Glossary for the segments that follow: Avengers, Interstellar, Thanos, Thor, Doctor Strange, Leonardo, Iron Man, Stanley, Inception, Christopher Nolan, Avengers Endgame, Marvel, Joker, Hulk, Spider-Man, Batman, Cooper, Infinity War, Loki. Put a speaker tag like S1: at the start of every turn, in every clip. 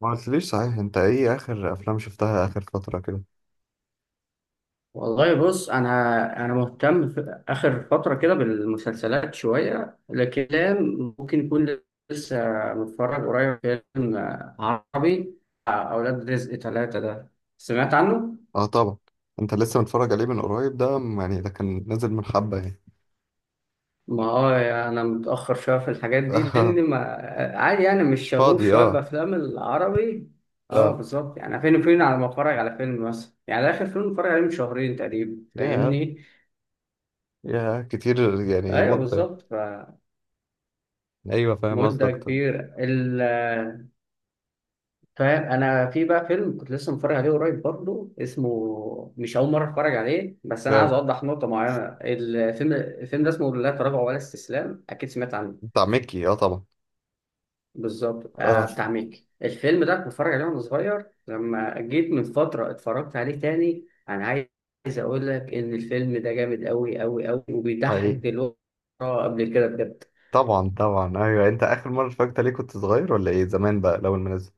S1: ما قلتليش صحيح، انت ايه اخر افلام شفتها اخر فترة كده؟
S2: والله بص، انا مهتم في اخر فتره كده بالمسلسلات شويه، لكن ممكن يكون لسه متفرج قريب فيلم عربي بتاع اولاد رزق ثلاثة ده، سمعت عنه.
S1: اه طبعا. انت لسه متفرج عليه من قريب ده، يعني ده كان نازل من حبة يعني.
S2: ما هو انا متاخر شويه في الحاجات دي لان ما عادي، يعني مش
S1: مش
S2: شغوف
S1: فاضي،
S2: شويه
S1: اه.
S2: بافلام العربي. اه
S1: اه.
S2: بالظبط، يعني فين وفين على ما اتفرج على فيلم مثلا، يعني ده اخر فيلم اتفرج عليه من شهرين تقريبا،
S1: يا
S2: فاهمني؟
S1: يا كتير يعني،
S2: ايوه
S1: مدة.
S2: بالظبط،
S1: ايوه، فاهم
S2: مدة
S1: قصدك، طب.
S2: كبيرة. فاهم، انا في بقى فيلم كنت لسه متفرج عليه قريب برضه، اسمه مش اول مره اتفرج عليه، بس انا عايز
S1: يا
S2: اوضح نقطه معينه. الفيلم ده اسمه لا تراجع ولا استسلام، اكيد سمعت عنه.
S1: بتاع ميكي، اه طبعا.
S2: بالظبط
S1: اه.
S2: بتاع ميكي. الفيلم ده كنت بتفرج عليه وانا صغير، لما جيت من فتره اتفرجت عليه تاني. انا عايز اقول لك ان الفيلم ده جامد قوي قوي قوي، وبيضحك
S1: حقيقي.
S2: دلوقتي قبل كده بجد.
S1: طبعا طبعا، ايوه، انت اخر مرة اتفرجت عليه كنت صغير ولا ايه؟ زمان بقى لو المنزل؟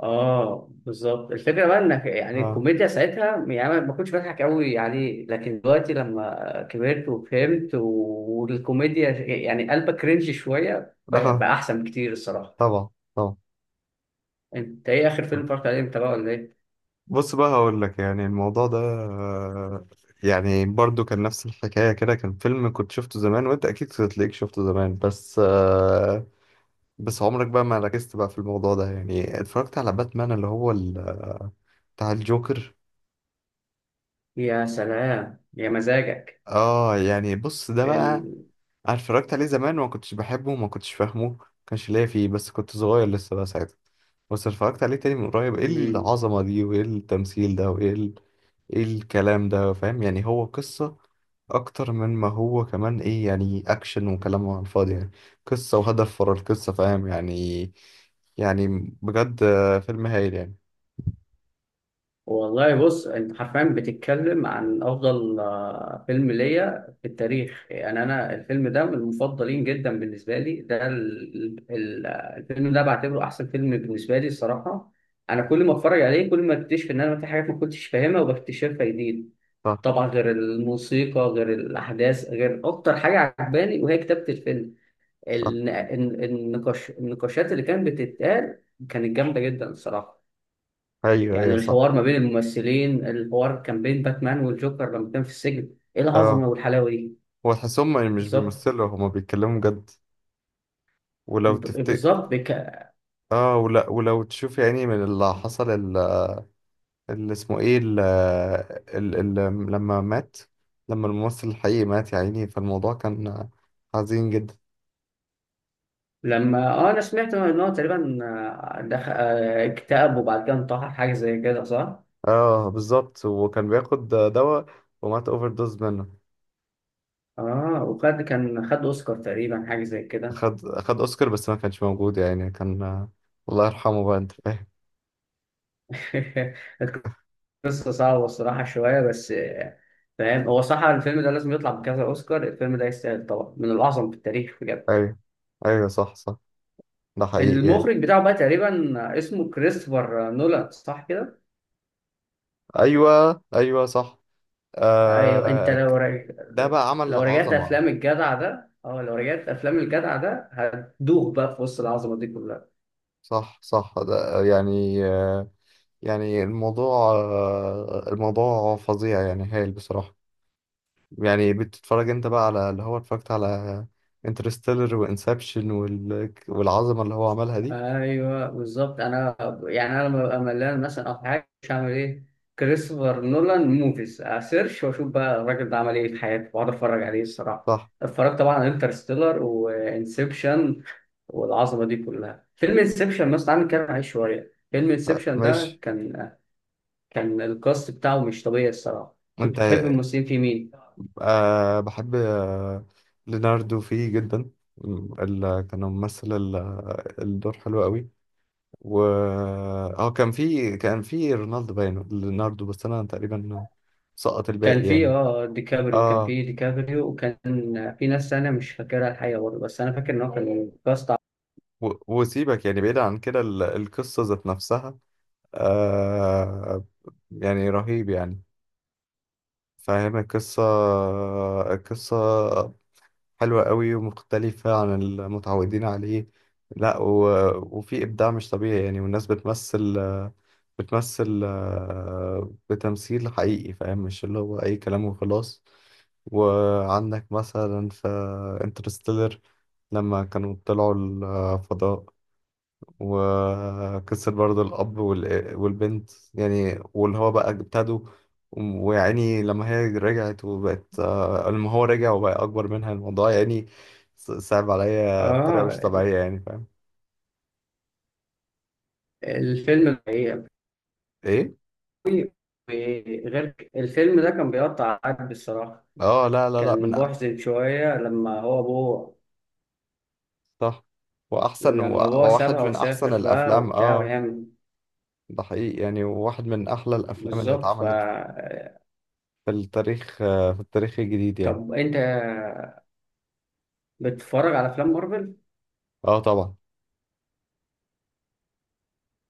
S2: اه بالظبط، الفكره بقى انك يعني
S1: اه.
S2: الكوميديا ساعتها، يعني أنا ما كنتش بضحك قوي عليه، لكن دلوقتي لما كبرت وفهمت والكوميديا، يعني قلبك كرنج شويه بقى،
S1: اه
S2: بقى احسن بكتير الصراحه.
S1: طبعا طبعا.
S2: انت ايه اخر فيلم اتفرجت عليه انت بقى، ولا ايه؟
S1: بص بقى، هقول لك يعني الموضوع ده، يعني برضو كان نفس الحكاية كده، كان فيلم كنت شفته زمان، وانت اكيد تلاقيك شفته زمان بس، بس عمرك بقى ما ركزت بقى في الموضوع ده. يعني اتفرجت على باتمان، اللي هو بتاع الجوكر.
S2: يا سلام يا مزاجك.
S1: اه يعني بص، ده بقى
S2: ال...
S1: أنا اتفرجت عليه زمان وما كنتش بحبه وما كنتش فاهمه، ما كانش ليا فيه، بس كنت صغير لسه بقى ساعتها. بس اتفرجت عليه تاني من قريب، ايه
S2: مم.
S1: العظمة دي وايه التمثيل ده وايه ايه الكلام ده؟ فاهم يعني؟ هو قصة اكتر من ما هو كمان، ايه يعني، اكشن وكلام على الفاضي يعني، قصة وهدف ورا القصة، فاهم يعني؟ يعني بجد، فيلم هايل يعني.
S2: والله بص، انت حرفيا بتتكلم عن افضل فيلم ليا في التاريخ، يعني انا الفيلم ده من المفضلين جدا بالنسبه لي. ده الفيلم ده بعتبره احسن فيلم بالنسبه لي الصراحه. انا كل ما اتفرج عليه كل ما اكتشف ان انا في حاجات ما كنتش فاهمها وبكتشفها جديد.
S1: صح
S2: طبعا غير الموسيقى غير الاحداث، غير اكتر حاجه عجباني وهي كتابه الفيلم.
S1: صح.
S2: النقاش النقاشات اللي كانت بتتقال كانت جامده جدا الصراحه.
S1: ايوه
S2: يعني
S1: ايوه صح.
S2: الحوار ما بين الممثلين، الحوار كان بين باتمان والجوكر لما كان في السجن، ايه
S1: اه،
S2: العظمه والحلاوه دي.
S1: هو تحسهم مش
S2: بالظبط.
S1: بيمثلوا، هما بيتكلموا بجد. ولو
S2: ب-
S1: تفت...
S2: بالظبط بك...
S1: اه، ولا ولو تشوف يعني من اللي حصل، اللي اسمه ايه، ال ال ال لما مات، لما الممثل الحقيقي مات يا عيني، فالموضوع كان حزين جدا.
S2: لما انا سمعت ان هو تقريبا دخل، اكتئب وبعد كده انتحر، حاجه زي كده صح؟
S1: اه بالظبط، وكان بياخد دواء ومات اوفر دوز منه.
S2: اه، كان خد اوسكار تقريبا، حاجه زي كده.
S1: اخد اوسكار بس ما كانش موجود يعني، كان الله يرحمه بقى، انت فاهم.
S2: القصه صعبه الصراحه شويه، بس فاهم. هو صح الفيلم ده لازم يطلع بكذا اوسكار، الفيلم ده يستاهل طبعا، من الاعظم في التاريخ بجد.
S1: ايوه ايوه صح صح. ده حقيقي يعني.
S2: المخرج بتاعه بقى تقريبا اسمه كريستوفر نولان، صح كده؟
S1: ايوه ايوه صح.
S2: ايوه،
S1: آه ك- ده بقى عمل
S2: لو رجعت
S1: عظمة.
S2: افلام الجدع ده، اه لو رجعت افلام الجدع ده هتدوخ بقى في وسط العظمه دي كلها.
S1: صح صح، ده يعني، يعني الموضوع فظيع يعني، هايل بصراحة. يعني بتتفرج انت بقى على اللي هو اتفرجت على انترستيلر وانسبشن والعظمة اللي هو عملها دي.
S2: ايوه بالظبط، انا يعني انا لما ببقى ملان مثلا او حاجه، مش هعمل ايه؟ كريستوفر نولان موفيز اسيرش، واشوف بقى الراجل ده عمل ايه في حياته واقعد اتفرج عليه الصراحه.
S1: صح.
S2: اتفرجت طبعا على انترستيلر وانسبشن والعظمه دي كلها. فيلم انسبشن مثلا، تعالى نتكلم عليه شويه. فيلم
S1: آه،
S2: انسبشن ده
S1: ماشي.
S2: كان الكاست بتاعه مش طبيعي الصراحه. كنت
S1: انت؟
S2: بتحب الممثلين في مين؟
S1: أه بحب، ليناردو فيه جدا، اللي كان ممثل الدور حلو قوي. و اه، كان في رونالدو باين ليناردو، بس انا تقريبا سقط
S2: كان
S1: الباقي
S2: في
S1: يعني.
S2: اه ديكابريو كان
S1: اه
S2: في ديكابريو، وكان في ناس انا مش فاكرها الحقيقه برضه، بس انا فاكر ان هو كان كاست.
S1: وسيبك يعني، بعيد عن كده، القصة ذات نفسها. آه. يعني رهيب يعني، فاهم، القصة، القصة حلوة قوي ومختلفة عن المتعودين عليه. لا، وفي إبداع مش طبيعي يعني، والناس بتمثل، بتمثيل حقيقي، فاهم، مش اللي هو أي كلام وخلاص. وعندك مثلا في انترستيلر، لما كانوا طلعوا الفضاء، وكسر برضه الأب والبنت يعني، واللي هو بقى ابتدوا، ويعني لما هي رجعت وبقت آه، لما هو رجع وبقى أكبر منها، الموضوع يعني صعب عليا بطريقة مش
S2: اه،
S1: طبيعية يعني، فاهم؟
S2: الفيلم الحقيقة،
S1: إيه؟
S2: غير الفيلم ده كان بيقطع قلب الصراحه.
S1: آه لا لا لا،
S2: كان محزن شويه لما هو ابوه،
S1: صح،
S2: لما ابوه سابها
S1: وواحد من أحسن
S2: وسافر بقى
S1: الأفلام،
S2: وبتاع،
S1: آه.
S2: وهي
S1: ده حقيقي يعني، واحد من أحلى الأفلام اللي
S2: بالظبط.
S1: اتعملت في التاريخ، في التاريخ الجديد يعني.
S2: طب انت بتتفرج على افلام مارفل؟
S1: آه طبعا.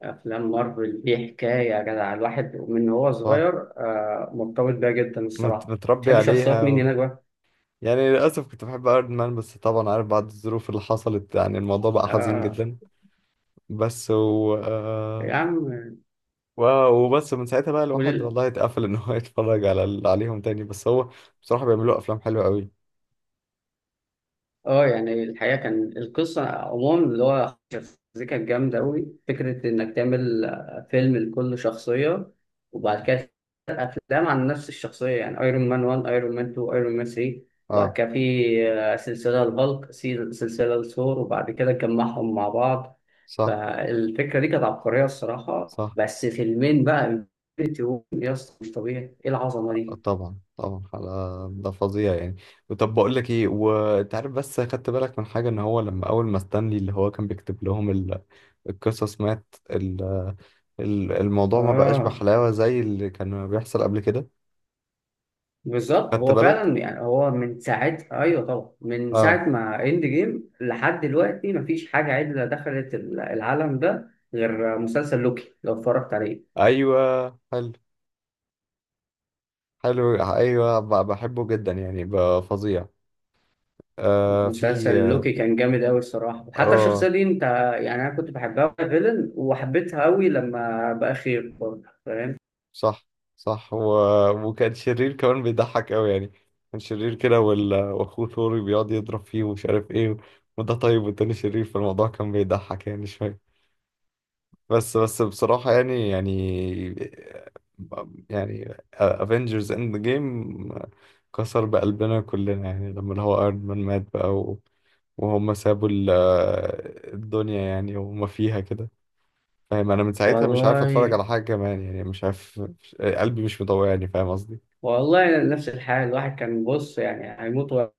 S2: افلام مارفل دي حكايه يا جدع، الواحد من هو
S1: صح.
S2: صغير مرتبط بيها جدا الصراحه.
S1: متربي
S2: بتحب شخصيات مين
S1: عليها
S2: هناك بقى؟
S1: يعني، للأسف كنت بحب ايرون مان بس طبعا عارف بعد الظروف اللي حصلت، يعني الموضوع بقى حزين
S2: آه،
S1: جدا. بس
S2: يا عم.
S1: وبس من ساعتها بقى الواحد
S2: ولل
S1: والله اتقفل ان هو يتفرج على عليهم تاني، بس هو بصراحة بيعملوا افلام حلوة قوي.
S2: اه، يعني الحقيقه كان القصه عموما اللي هو شخصيتها كانت جامده قوي. فكره انك تعمل فيلم لكل شخصيه، وبعد كده افلام عن نفس الشخصيه، يعني ايرون مان 1، ايرون مان 2، ايرون مان 3. وبعد
S1: اه.
S2: كده في سلسله الهالك، سلسله الثور، وبعد كده جمعهم مع بعض.
S1: صح
S2: فالفكره دي كانت عبقريه الصراحه.
S1: صح.
S2: بس فيلمين بقى، انفينيتي وور، يا اسطى مش طبيعي، ايه العظمه دي.
S1: طبعا طبعا على، ده فظيع يعني. طب بقول لك ايه، وانت عارف بس خدت بالك من حاجة، ان هو لما اول ما ستانلي اللي هو كان بيكتب لهم القصص مات، الموضوع ما بقاش
S2: اه
S1: بحلاوة زي اللي كان بيحصل قبل كده.
S2: بالظبط،
S1: خدت
S2: هو
S1: بالك؟
S2: فعلا يعني هو من ساعه، ايوه طبعا، من
S1: اه.
S2: ساعه ما اند جيم لحد دلوقتي مفيش حاجه عدله دخلت العالم ده، غير مسلسل لوكي لو اتفرجت عليه.
S1: ايوه حلو. حلو، ايوه بحبه جدا يعني، فظيع. آه، في
S2: مسلسل
S1: اه،
S2: لوكي كان جامد قوي الصراحه. حتى
S1: آه،
S2: الشخصيه دي انت، يعني انا كنت بحبها في فيلن وحبيتها قوي لما بقى خير برضه، فاهم؟
S1: صح صح، وكان شرير كمان بيضحك قوي يعني. كان شرير كده، واخوه ثوري بيقعد يضرب فيه ومش عارف ايه، وده طيب والتاني شرير، فالموضوع كان بيضحك يعني شويه. بس بصراحه يعني، يعني افنجرز اند جيم كسر بقلبنا كلنا يعني لما اللي هو ايرون مان مات بقى، وهم سابوا الدنيا يعني، وهم فيها كده. فاهم انا من ساعتها مش عارف اتفرج
S2: والله،
S1: على حاجه كمان يعني، مش عارف، قلبي مش مطوعني، فاهم قصدي.
S2: والله نفس الحال، الواحد كان بص يعني هيموت وقتها،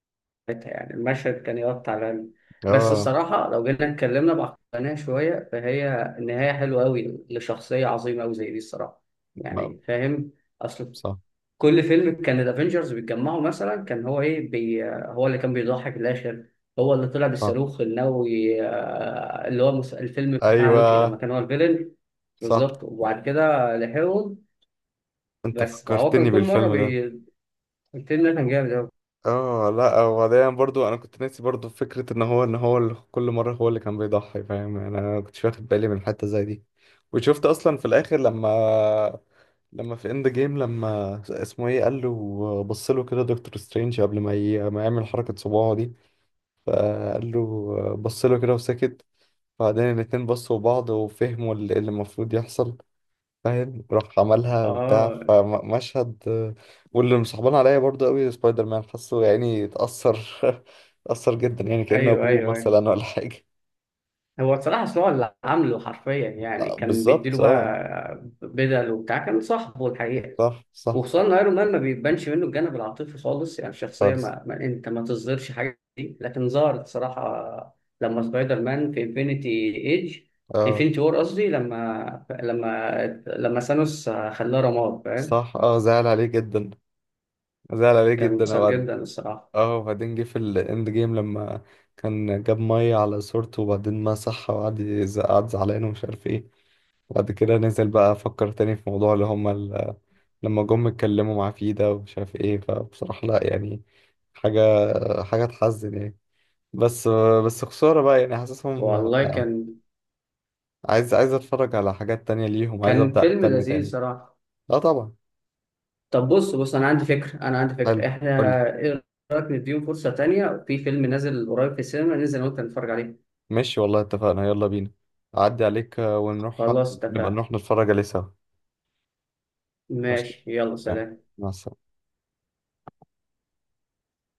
S2: يعني المشهد كان يقطع القلب. بس
S1: اه.
S2: الصراحه لو جينا اتكلمنا بعقلانيه شويه، فهي النهايه حلوه قوي لشخصيه عظيمه قوي زي دي الصراحه،
S1: ما-
S2: يعني فاهم. اصل
S1: صح
S2: كل فيلم كان الافنجرز بيتجمعوا مثلا، كان هو ايه بي، هو اللي كان بيضحي في الاخر. هو اللي طلع
S1: صح.
S2: بالصاروخ النووي، اللي هو الفيلم بتاع
S1: ايوه
S2: لوكي لما كان هو الفيلن.
S1: صح.
S2: بالظبط، وبعد كده لحقهم.
S1: انت
S2: بس فهو كان
S1: فكرتني
S2: كل مره
S1: بالفيلم ده.
S2: الفيلم ده كان جامد قوي.
S1: اه لا، وبعدين برضو انا كنت ناسي برضو فكرة ان هو، اللي كل مرة هو اللي كان بيضحي، فاهم يعني، انا كنتش واخد بالي من حتة زي دي. وشفت اصلا في الاخر، لما في اند جيم، لما اسمه ايه قال له، بص له كده دكتور سترينج قبل ما ما يعمل حركة صباعه دي، فقال له، بص له كده وسكت، بعدين الاتنين بصوا لبعض وفهموا اللي المفروض يحصل، فاهم، راح عملها بتاع
S2: اه،
S1: فمشهد. واللي مصاحبان عليا برضو قوي سبايدر مان، حاسه يعني اتأثر اتأثر جدا يعني كأنه
S2: ايوه
S1: أبوه
S2: ايوه ايوه.
S1: مثلا ولا حاجة.
S2: هو بصراحه أصل هو اللي عامله حرفيا، يعني
S1: آه،
S2: كان بيديله
S1: بالظبط، اه.
S2: بقى بدل وبتاع، كان صاحبه الحقيقه.
S1: صح صح.
S2: وخصوصا ان ايرون مان ما بيبانش منه الجانب العاطفي خالص، يعني الشخصيه
S1: خالص.
S2: ما انت ما تصدرش حاجه دي، لكن ظهرت صراحه لما سبايدر مان في انفينيتي ايج
S1: اه.
S2: انفينيتي وور قصدي، لما ثانوس خلاه رماد، فاهم؟
S1: صح، اه. زعل عليه جدا، زعل عليه
S2: كان
S1: جدا
S2: مؤثر
S1: وبعد.
S2: جدا الصراحه.
S1: اه، وبعدين جه في الاند جيم لما كان جاب مية على صورته وبعدين مسحها، وقعد قعد زعلان ومش عارف ايه، وبعد كده نزل بقى فكر تاني في موضوع اللي هما، لما جم اتكلموا معاه فيه ده، ومش عارف ايه، فبصراحة لا يعني، حاجة حاجة تحزن يعني. بس بس خسارة بقى يعني حاسسهم.
S2: والله
S1: لا.
S2: كان
S1: عايز اتفرج على حاجات تانية ليهم، عايز
S2: كان
S1: ابدأ
S2: فيلم
S1: اهتم
S2: لذيذ
S1: تاني.
S2: صراحه.
S1: اه طبعا.
S2: طب بص انا عندي فكره،
S1: حلو.
S2: احنا
S1: قولي.
S2: ايه رايك نديهم فرصه تانية في فيلم نازل قريب في السينما، ننزل انا وانت نتفرج عليه.
S1: ماشي والله، اتفقنا، يلا بينا. اعدي عليك، ونروح
S2: خلاص
S1: نبقى
S2: اتفقنا.
S1: نروح نتفرج عليه سوا. ماشي.
S2: ماشي يلا سلام.
S1: مع السلامة.